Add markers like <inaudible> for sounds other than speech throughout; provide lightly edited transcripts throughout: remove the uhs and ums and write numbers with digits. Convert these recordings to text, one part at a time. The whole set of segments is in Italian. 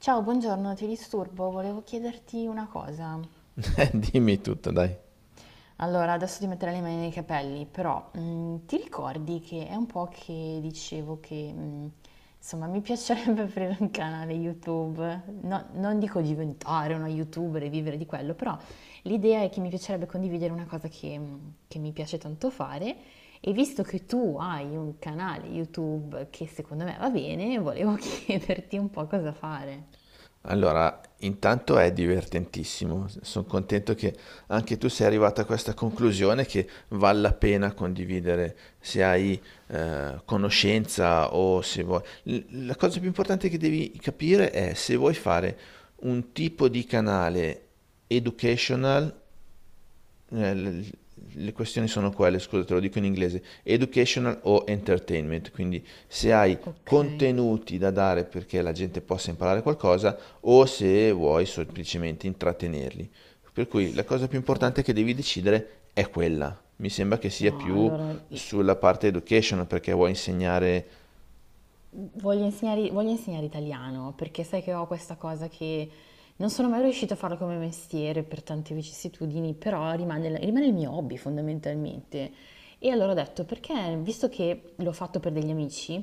Ciao, buongiorno, ti disturbo, volevo chiederti una cosa. <laughs> Dimmi tutto, dai. Allora, adesso ti metterò le mani nei capelli, però ti ricordi che è un po' che dicevo che, insomma, mi <laughs> piacerebbe aprire un canale YouTube. Non dico diventare una YouTuber e vivere di quello, però l'idea è che mi piacerebbe condividere una cosa che, che mi piace tanto fare e visto che tu hai un canale YouTube che secondo me va bene, volevo <laughs> chiederti un po' cosa fare. Allora, intanto è divertentissimo. Sono contento che anche tu sei arrivata a questa conclusione che vale la pena condividere se hai conoscenza o se vuoi. La cosa più importante che devi capire è se vuoi fare un tipo di canale educational. Eh, le, le questioni sono quelle, scusa, te lo dico in inglese, educational o entertainment, quindi se hai Ok. contenuti da dare perché la gente possa imparare qualcosa o se vuoi semplicemente intrattenerli. Per cui la cosa più Oh, importante che devi decidere è quella. Mi sembra che sia no, più sulla parte educational perché vuoi insegnare... voglio insegnare italiano perché sai che ho questa cosa che non sono mai riuscita a farlo come mestiere per tante vicissitudini, però rimane il mio hobby fondamentalmente. E allora ho detto, perché visto che l'ho fatto per degli amici,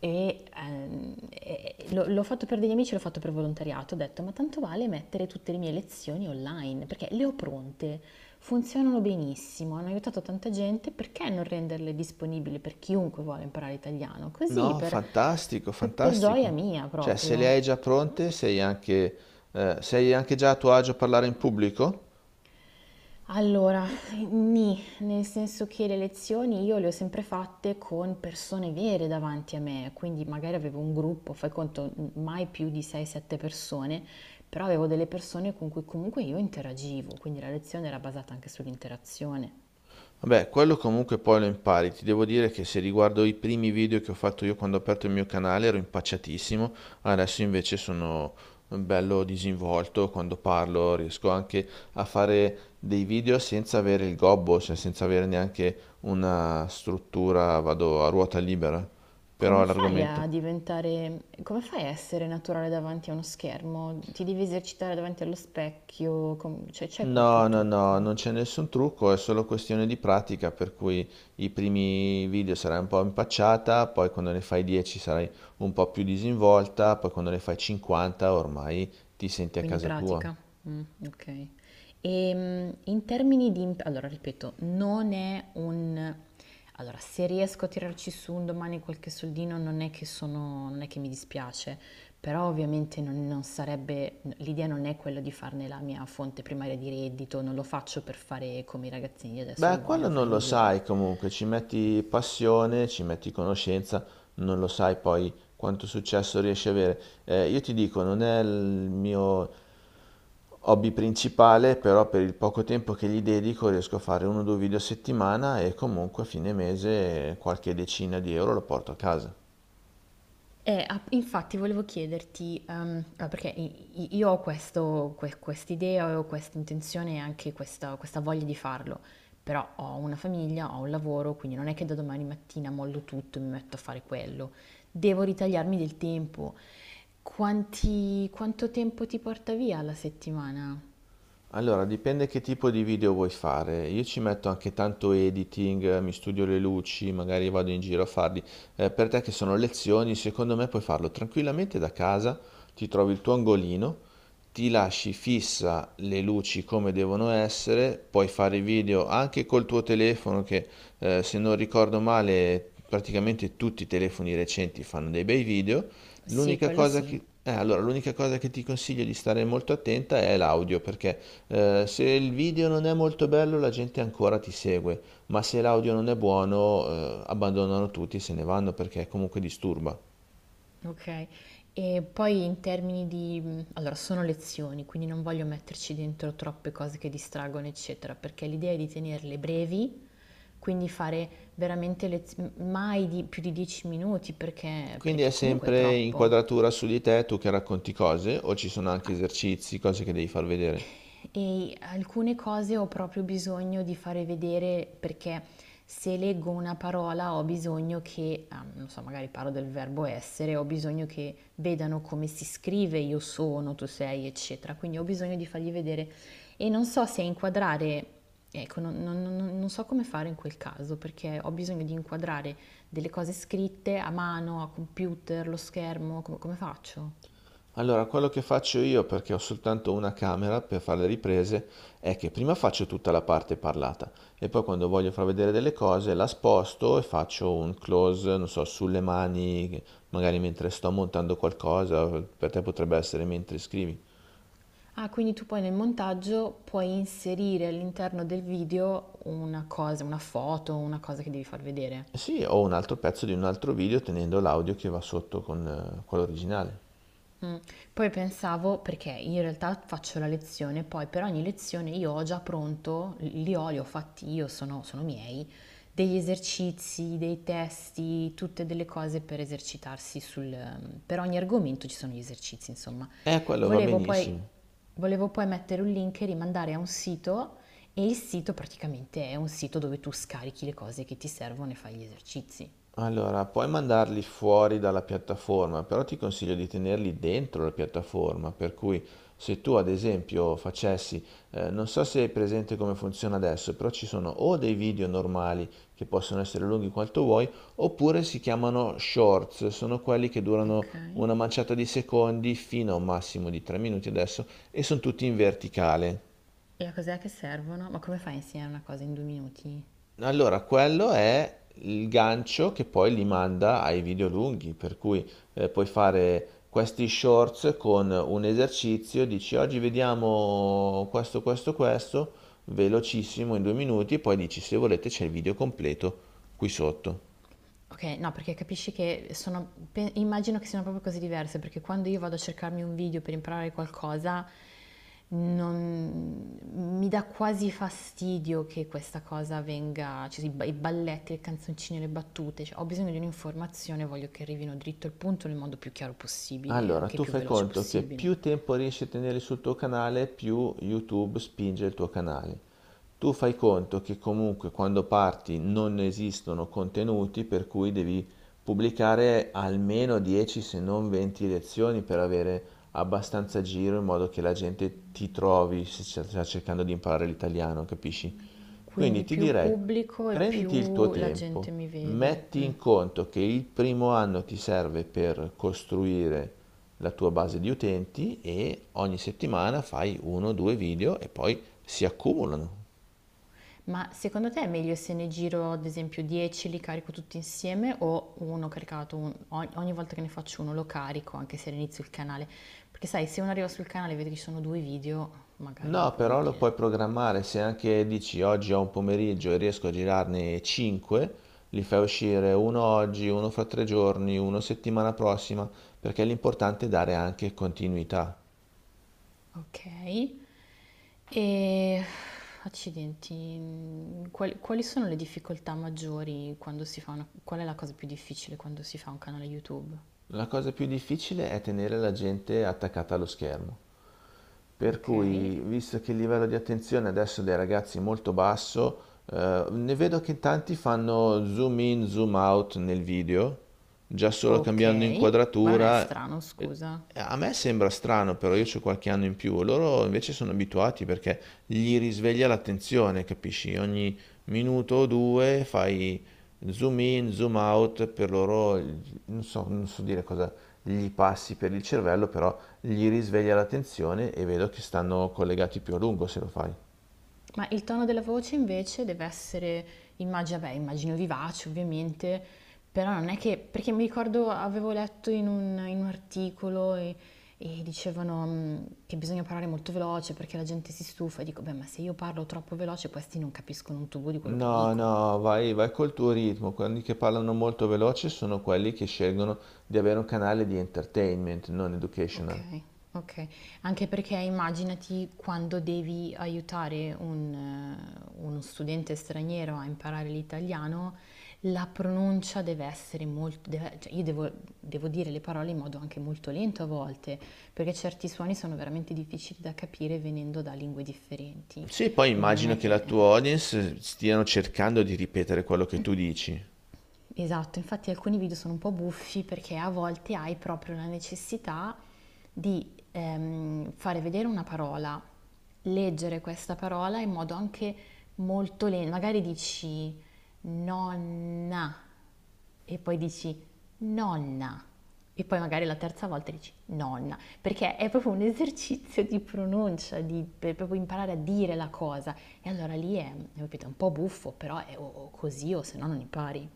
e l'ho fatto per degli amici, l'ho fatto per volontariato, ho detto, ma tanto vale mettere tutte le mie lezioni online, perché le ho pronte, funzionano benissimo, hanno aiutato tanta gente, perché non renderle disponibili per chiunque vuole imparare italiano? Così, No, fantastico, per gioia fantastico. mia Cioè, se proprio. le hai già pronte, sei anche già a tuo agio a parlare in pubblico? Allora, nì, nel senso che le lezioni io le ho sempre fatte con persone vere davanti a me, quindi magari avevo un gruppo, fai conto, mai più di 6-7 persone, però avevo delle persone con cui comunque io interagivo, quindi la lezione era basata anche sull'interazione. Vabbè, quello comunque poi lo impari. Ti devo dire che se riguardo i primi video che ho fatto io quando ho aperto il mio canale ero impacciatissimo, adesso invece sono bello disinvolto quando parlo, riesco anche a fare dei video senza avere il gobbo, cioè senza avere neanche una struttura, vado a ruota libera. Però l'argomento... Come fai a essere naturale davanti a uno schermo? Ti devi esercitare davanti allo specchio, cioè c'è No, qualche no, no, trucco? non c'è nessun trucco, è solo questione di pratica, per cui i primi video sarai un po' impacciata, poi quando ne fai 10 sarai un po' più disinvolta, poi quando ne fai 50 ormai ti senti a Quindi casa tua. pratica. Mm, ok. E in termini di... Allora, ripeto, non è un... Allora, se riesco a tirarci su un domani qualche soldino non è che sono, non è che mi dispiace, però ovviamente non sarebbe, l'idea non è quella di farne la mia fonte primaria di reddito, non lo faccio per fare come i ragazzini di adesso che Beh, quello vogliono fare non i lo milioni. sai comunque, ci metti passione, ci metti conoscenza, non lo sai poi quanto successo riesci a avere. Io ti dico, non è il mio hobby principale, però per il poco tempo che gli dedico riesco a fare 1 o 2 video a settimana e comunque a fine mese qualche decina di euro lo porto a casa. Infatti volevo chiederti, perché io ho quest'idea, ho questa intenzione e anche questa voglia di farlo, però ho una famiglia, ho un lavoro, quindi non è che da domani mattina mollo tutto e mi metto a fare quello. Devo ritagliarmi del tempo. Quanto tempo ti porta via la settimana? Allora, dipende che tipo di video vuoi fare. Io ci metto anche tanto editing, mi studio le luci, magari vado in giro a farli. Per te che sono lezioni, secondo me puoi farlo tranquillamente da casa, ti trovi il tuo angolino, ti lasci fissa le luci come devono essere, puoi fare i video anche col tuo telefono che, se non ricordo male, praticamente tutti i telefoni recenti fanno dei bei video. Sì, L'unica quello cosa sì. che, allora, l'unica cosa che ti consiglio di stare molto attenta è l'audio, perché se il video non è molto bello la gente ancora ti segue, ma se l'audio non è buono abbandonano tutti e se ne vanno perché comunque disturba. Okay. E poi in termini di allora sono lezioni, quindi non voglio metterci dentro troppe cose che distraggono, eccetera, perché l'idea è di tenerle brevi, quindi fare veramente mai di più di 10 minuti perché Quindi è perché comunque è sempre troppo. inquadratura su di te, tu che racconti cose, o ci sono anche esercizi, cose che devi far vedere. E alcune cose ho proprio bisogno di fare vedere perché se leggo una parola ho bisogno che, ah, non so, magari parlo del verbo essere, ho bisogno che vedano come si scrive io sono, tu sei, eccetera. Quindi ho bisogno di fargli vedere e non so se inquadrare, ecco, non so come fare in quel caso perché ho bisogno di inquadrare delle cose scritte a mano, a computer, lo schermo, come come faccio? Allora, quello che faccio io, perché ho soltanto una camera per fare le riprese, è che prima faccio tutta la parte parlata e poi quando voglio far vedere delle cose la sposto e faccio un close, non so, sulle mani, magari mentre sto montando qualcosa, per te potrebbe essere mentre scrivi. Ah, quindi tu poi nel montaggio puoi inserire all'interno del video una cosa, una foto, una cosa che devi far vedere. Sì, ho un altro pezzo di un altro video tenendo l'audio che va sotto con quello originale. Mm. Poi pensavo, perché in realtà faccio la lezione, poi per ogni lezione io ho già pronto, li ho fatti io, sono miei, degli esercizi, dei testi, tutte delle cose per esercitarsi sul... Per ogni argomento ci sono gli esercizi, insomma. Quello va Volevo poi, benissimo. volevo poi mettere un link e rimandare a un sito e il sito praticamente è un sito dove tu scarichi le cose che ti servono e fai gli esercizi. Allora, puoi mandarli fuori dalla piattaforma, però ti consiglio di tenerli dentro la piattaforma, per cui se tu ad esempio facessi, non so se è presente come funziona adesso, però ci sono o dei video normali che possono essere lunghi quanto vuoi, oppure si chiamano shorts, sono quelli che durano Ok. una manciata di secondi fino a un massimo di 3 minuti adesso e sono tutti in verticale. E a cos'è che servono? Ma come fai a insegnare una cosa in due minuti? Allora, quello è il gancio che poi li manda ai video lunghi, per cui puoi fare questi shorts con un esercizio, dici oggi vediamo questo, questo, questo, velocissimo in 2 minuti, e poi dici se volete c'è il video completo qui sotto. Ok, no, perché capisci che immagino che siano proprio cose diverse, perché quando io vado a cercarmi un video per imparare qualcosa, non, mi dà quasi fastidio che questa cosa venga, cioè i balletti, le canzoncine, le battute, cioè, ho bisogno di un'informazione, voglio che arrivino dritto al punto nel modo più chiaro possibile, Allora, anche tu più fai veloce conto che possibile. più tempo riesci a tenere sul tuo canale, più YouTube spinge il tuo canale. Tu fai conto che comunque quando parti non esistono contenuti, per cui devi pubblicare almeno 10 se non 20 lezioni per avere abbastanza giro in modo che la gente ti trovi se sta cercando di imparare l'italiano, capisci? Quindi Quindi ti più direi, pubblico e prenditi il tuo più la gente tempo, mi vede. metti Mm. in conto che il primo anno ti serve per costruire la tua base di utenti e ogni settimana fai 1 o 2 video e poi si accumulano. Ma secondo te è meglio se ne giro ad esempio 10, li carico tutti insieme o ogni ogni volta che ne faccio uno lo carico anche se all'inizio il canale? Perché sai, se uno arriva sul canale e vede che ci sono due video, magari è un No, po' però lo inutile. puoi programmare se anche dici oggi ho un pomeriggio e riesco a girarne 5, li fai uscire uno oggi, uno fra 3 giorni, uno settimana prossima, perché l'importante è dare anche continuità. Ok, e accidenti, quali sono le difficoltà maggiori quando si fa una... Qual è la cosa più difficile quando si fa un canale YouTube? La cosa più difficile è tenere la gente attaccata allo schermo. Per Ok, cui, visto che il livello di attenzione adesso dei ragazzi è molto basso, ne vedo che tanti fanno zoom in, zoom out nel video, già solo ok, cambiando ma non è inquadratura. strano, Eh, scusa. A me sembra strano, però io ho qualche anno in più, loro invece sono abituati perché gli risveglia l'attenzione, capisci? Ogni minuto o due fai zoom in, zoom out, per loro, non so, non so dire cosa gli passi per il cervello, però gli risveglia l'attenzione e vedo che stanno collegati più a lungo se lo fai. Ma il tono della voce invece deve essere, immagino, vabbè, immagino vivace ovviamente, però non è che, perché mi ricordo avevo letto in un articolo e dicevano che bisogna parlare molto veloce perché la gente si stufa e dico, beh, ma se io parlo troppo veloce questi non capiscono un tubo di quello che No, dico. no, vai, vai col tuo ritmo. Quelli che parlano molto veloce sono quelli che scelgono di avere un canale di entertainment, non Ok, educational. ok. Anche perché immaginati quando devi aiutare un, uno studente straniero a imparare l'italiano, la pronuncia deve essere molto... cioè io devo, devo dire le parole in modo anche molto lento a volte, perché certi suoni sono veramente difficili da capire venendo da lingue differenti. Sì, poi Quindi non immagino è che che la tua audience stiano cercando di ripetere quello che tu dici. esatto, infatti alcuni video sono un po' buffi perché a volte hai proprio la necessità di fare vedere una parola, leggere questa parola in modo anche molto lento. Magari dici nonna e poi dici nonna e poi magari la terza volta dici nonna, perché è proprio un esercizio di pronuncia, per proprio imparare a dire la cosa. E allora lì è, capito, un po' buffo, però è o così o se no non impari.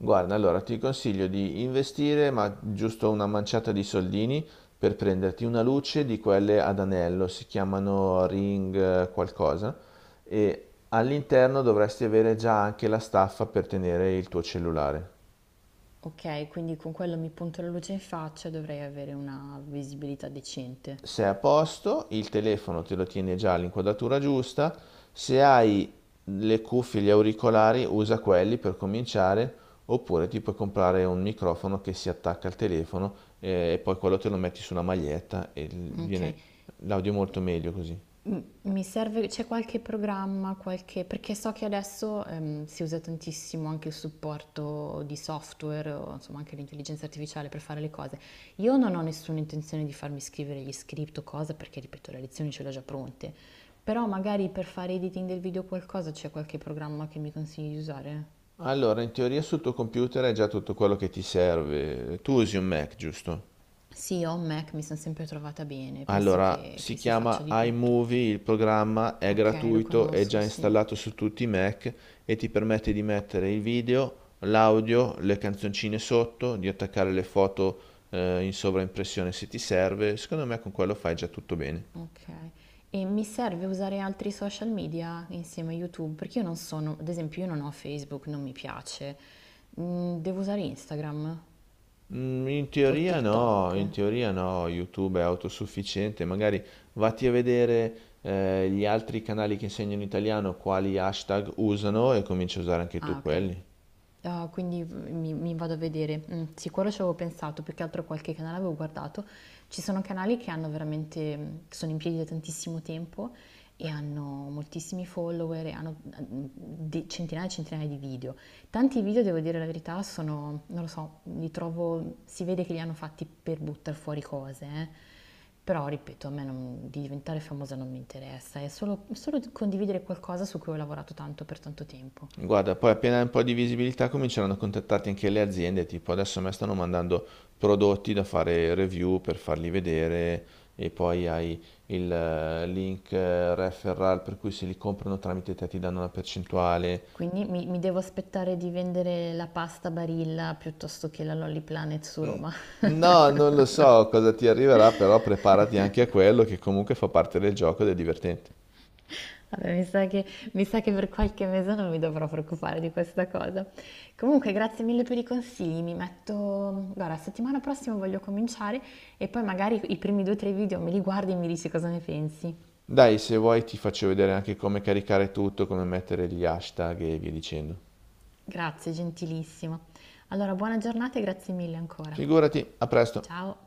Guarda, allora ti consiglio di investire, ma giusto una manciata di soldini per prenderti una luce di quelle ad anello, si chiamano ring qualcosa, e all'interno dovresti avere già anche la staffa per tenere il tuo cellulare. Ok, quindi con quello mi punto la luce in faccia e dovrei avere una visibilità decente. Sei a posto, il telefono te lo tiene già all'inquadratura giusta, se hai le cuffie, gli auricolari, usa quelli per cominciare, oppure ti puoi comprare un microfono che si attacca al telefono e poi quello te lo metti sulla maglietta e Ok, viene l'audio è molto meglio così. mi serve, c'è qualche programma, qualche, perché so che adesso si usa tantissimo anche il supporto di software, o insomma anche l'intelligenza artificiale per fare le cose. Io non ho nessuna intenzione di farmi scrivere gli script o cosa, perché ripeto, le lezioni ce le ho già pronte, però magari per fare editing del video o qualcosa c'è qualche programma che mi consigli di usare? Allora, in teoria sul tuo computer hai già tutto quello che ti serve. Tu usi un Mac, giusto? Sì, ho un Mac, mi sono sempre trovata bene, penso Allora, si che si faccia chiama di tutto. iMovie, il programma è Ok, lo gratuito, è già conosco, sì. installato su tutti i Mac e ti permette di mettere il video, l'audio, le canzoncine sotto, di attaccare le foto in sovraimpressione se ti serve. Secondo me con quello fai già tutto bene. Ok. E mi serve usare altri social media insieme a YouTube? Perché io non sono, ad esempio, io non ho Facebook, non mi piace. Mm, devo usare Instagram Mm, in o teoria no, TikTok? in teoria no, YouTube è autosufficiente, magari vatti a vedere gli altri canali che insegnano italiano quali hashtag usano e cominci a usare anche Ah, tu ok. quelli. Ah, quindi mi vado a vedere. Mm, sì, quello ci avevo pensato, più che altro qualche canale avevo guardato. Ci sono canali che hanno veramente, che sono in piedi da tantissimo tempo e hanno moltissimi follower, e hanno centinaia e centinaia di video. Tanti video, devo dire la verità, sono, non lo so, li trovo, si vede che li hanno fatti per buttare fuori cose, eh. Però, ripeto, a me di diventare famosa non mi interessa, è solo condividere qualcosa su cui ho lavorato tanto per tanto tempo. Guarda, poi appena hai un po' di visibilità cominceranno a contattarti anche le aziende, tipo adesso a me stanno mandando prodotti da fare review per farli vedere e poi hai il link referral per cui se li comprano tramite te ti danno una percentuale. Quindi mi devo aspettare di vendere la pasta Barilla piuttosto che la Lolly Planet su Mm, Roma. <laughs> no, non lo so cosa ti arriverà, però preparati anche a quello che comunque fa parte del gioco ed è divertente. Vabbè, mi sa che per qualche mese non mi dovrò preoccupare di questa cosa. Comunque, grazie mille per i consigli. Mi metto... Guarda, settimana prossima voglio cominciare e poi magari i primi due o tre video me li guardi e mi dici cosa ne pensi. Dai, se vuoi ti faccio vedere anche come caricare tutto, come mettere gli hashtag e via dicendo. Grazie, gentilissima. Allora, buona giornata e grazie mille ancora. Figurati, a presto. Ciao!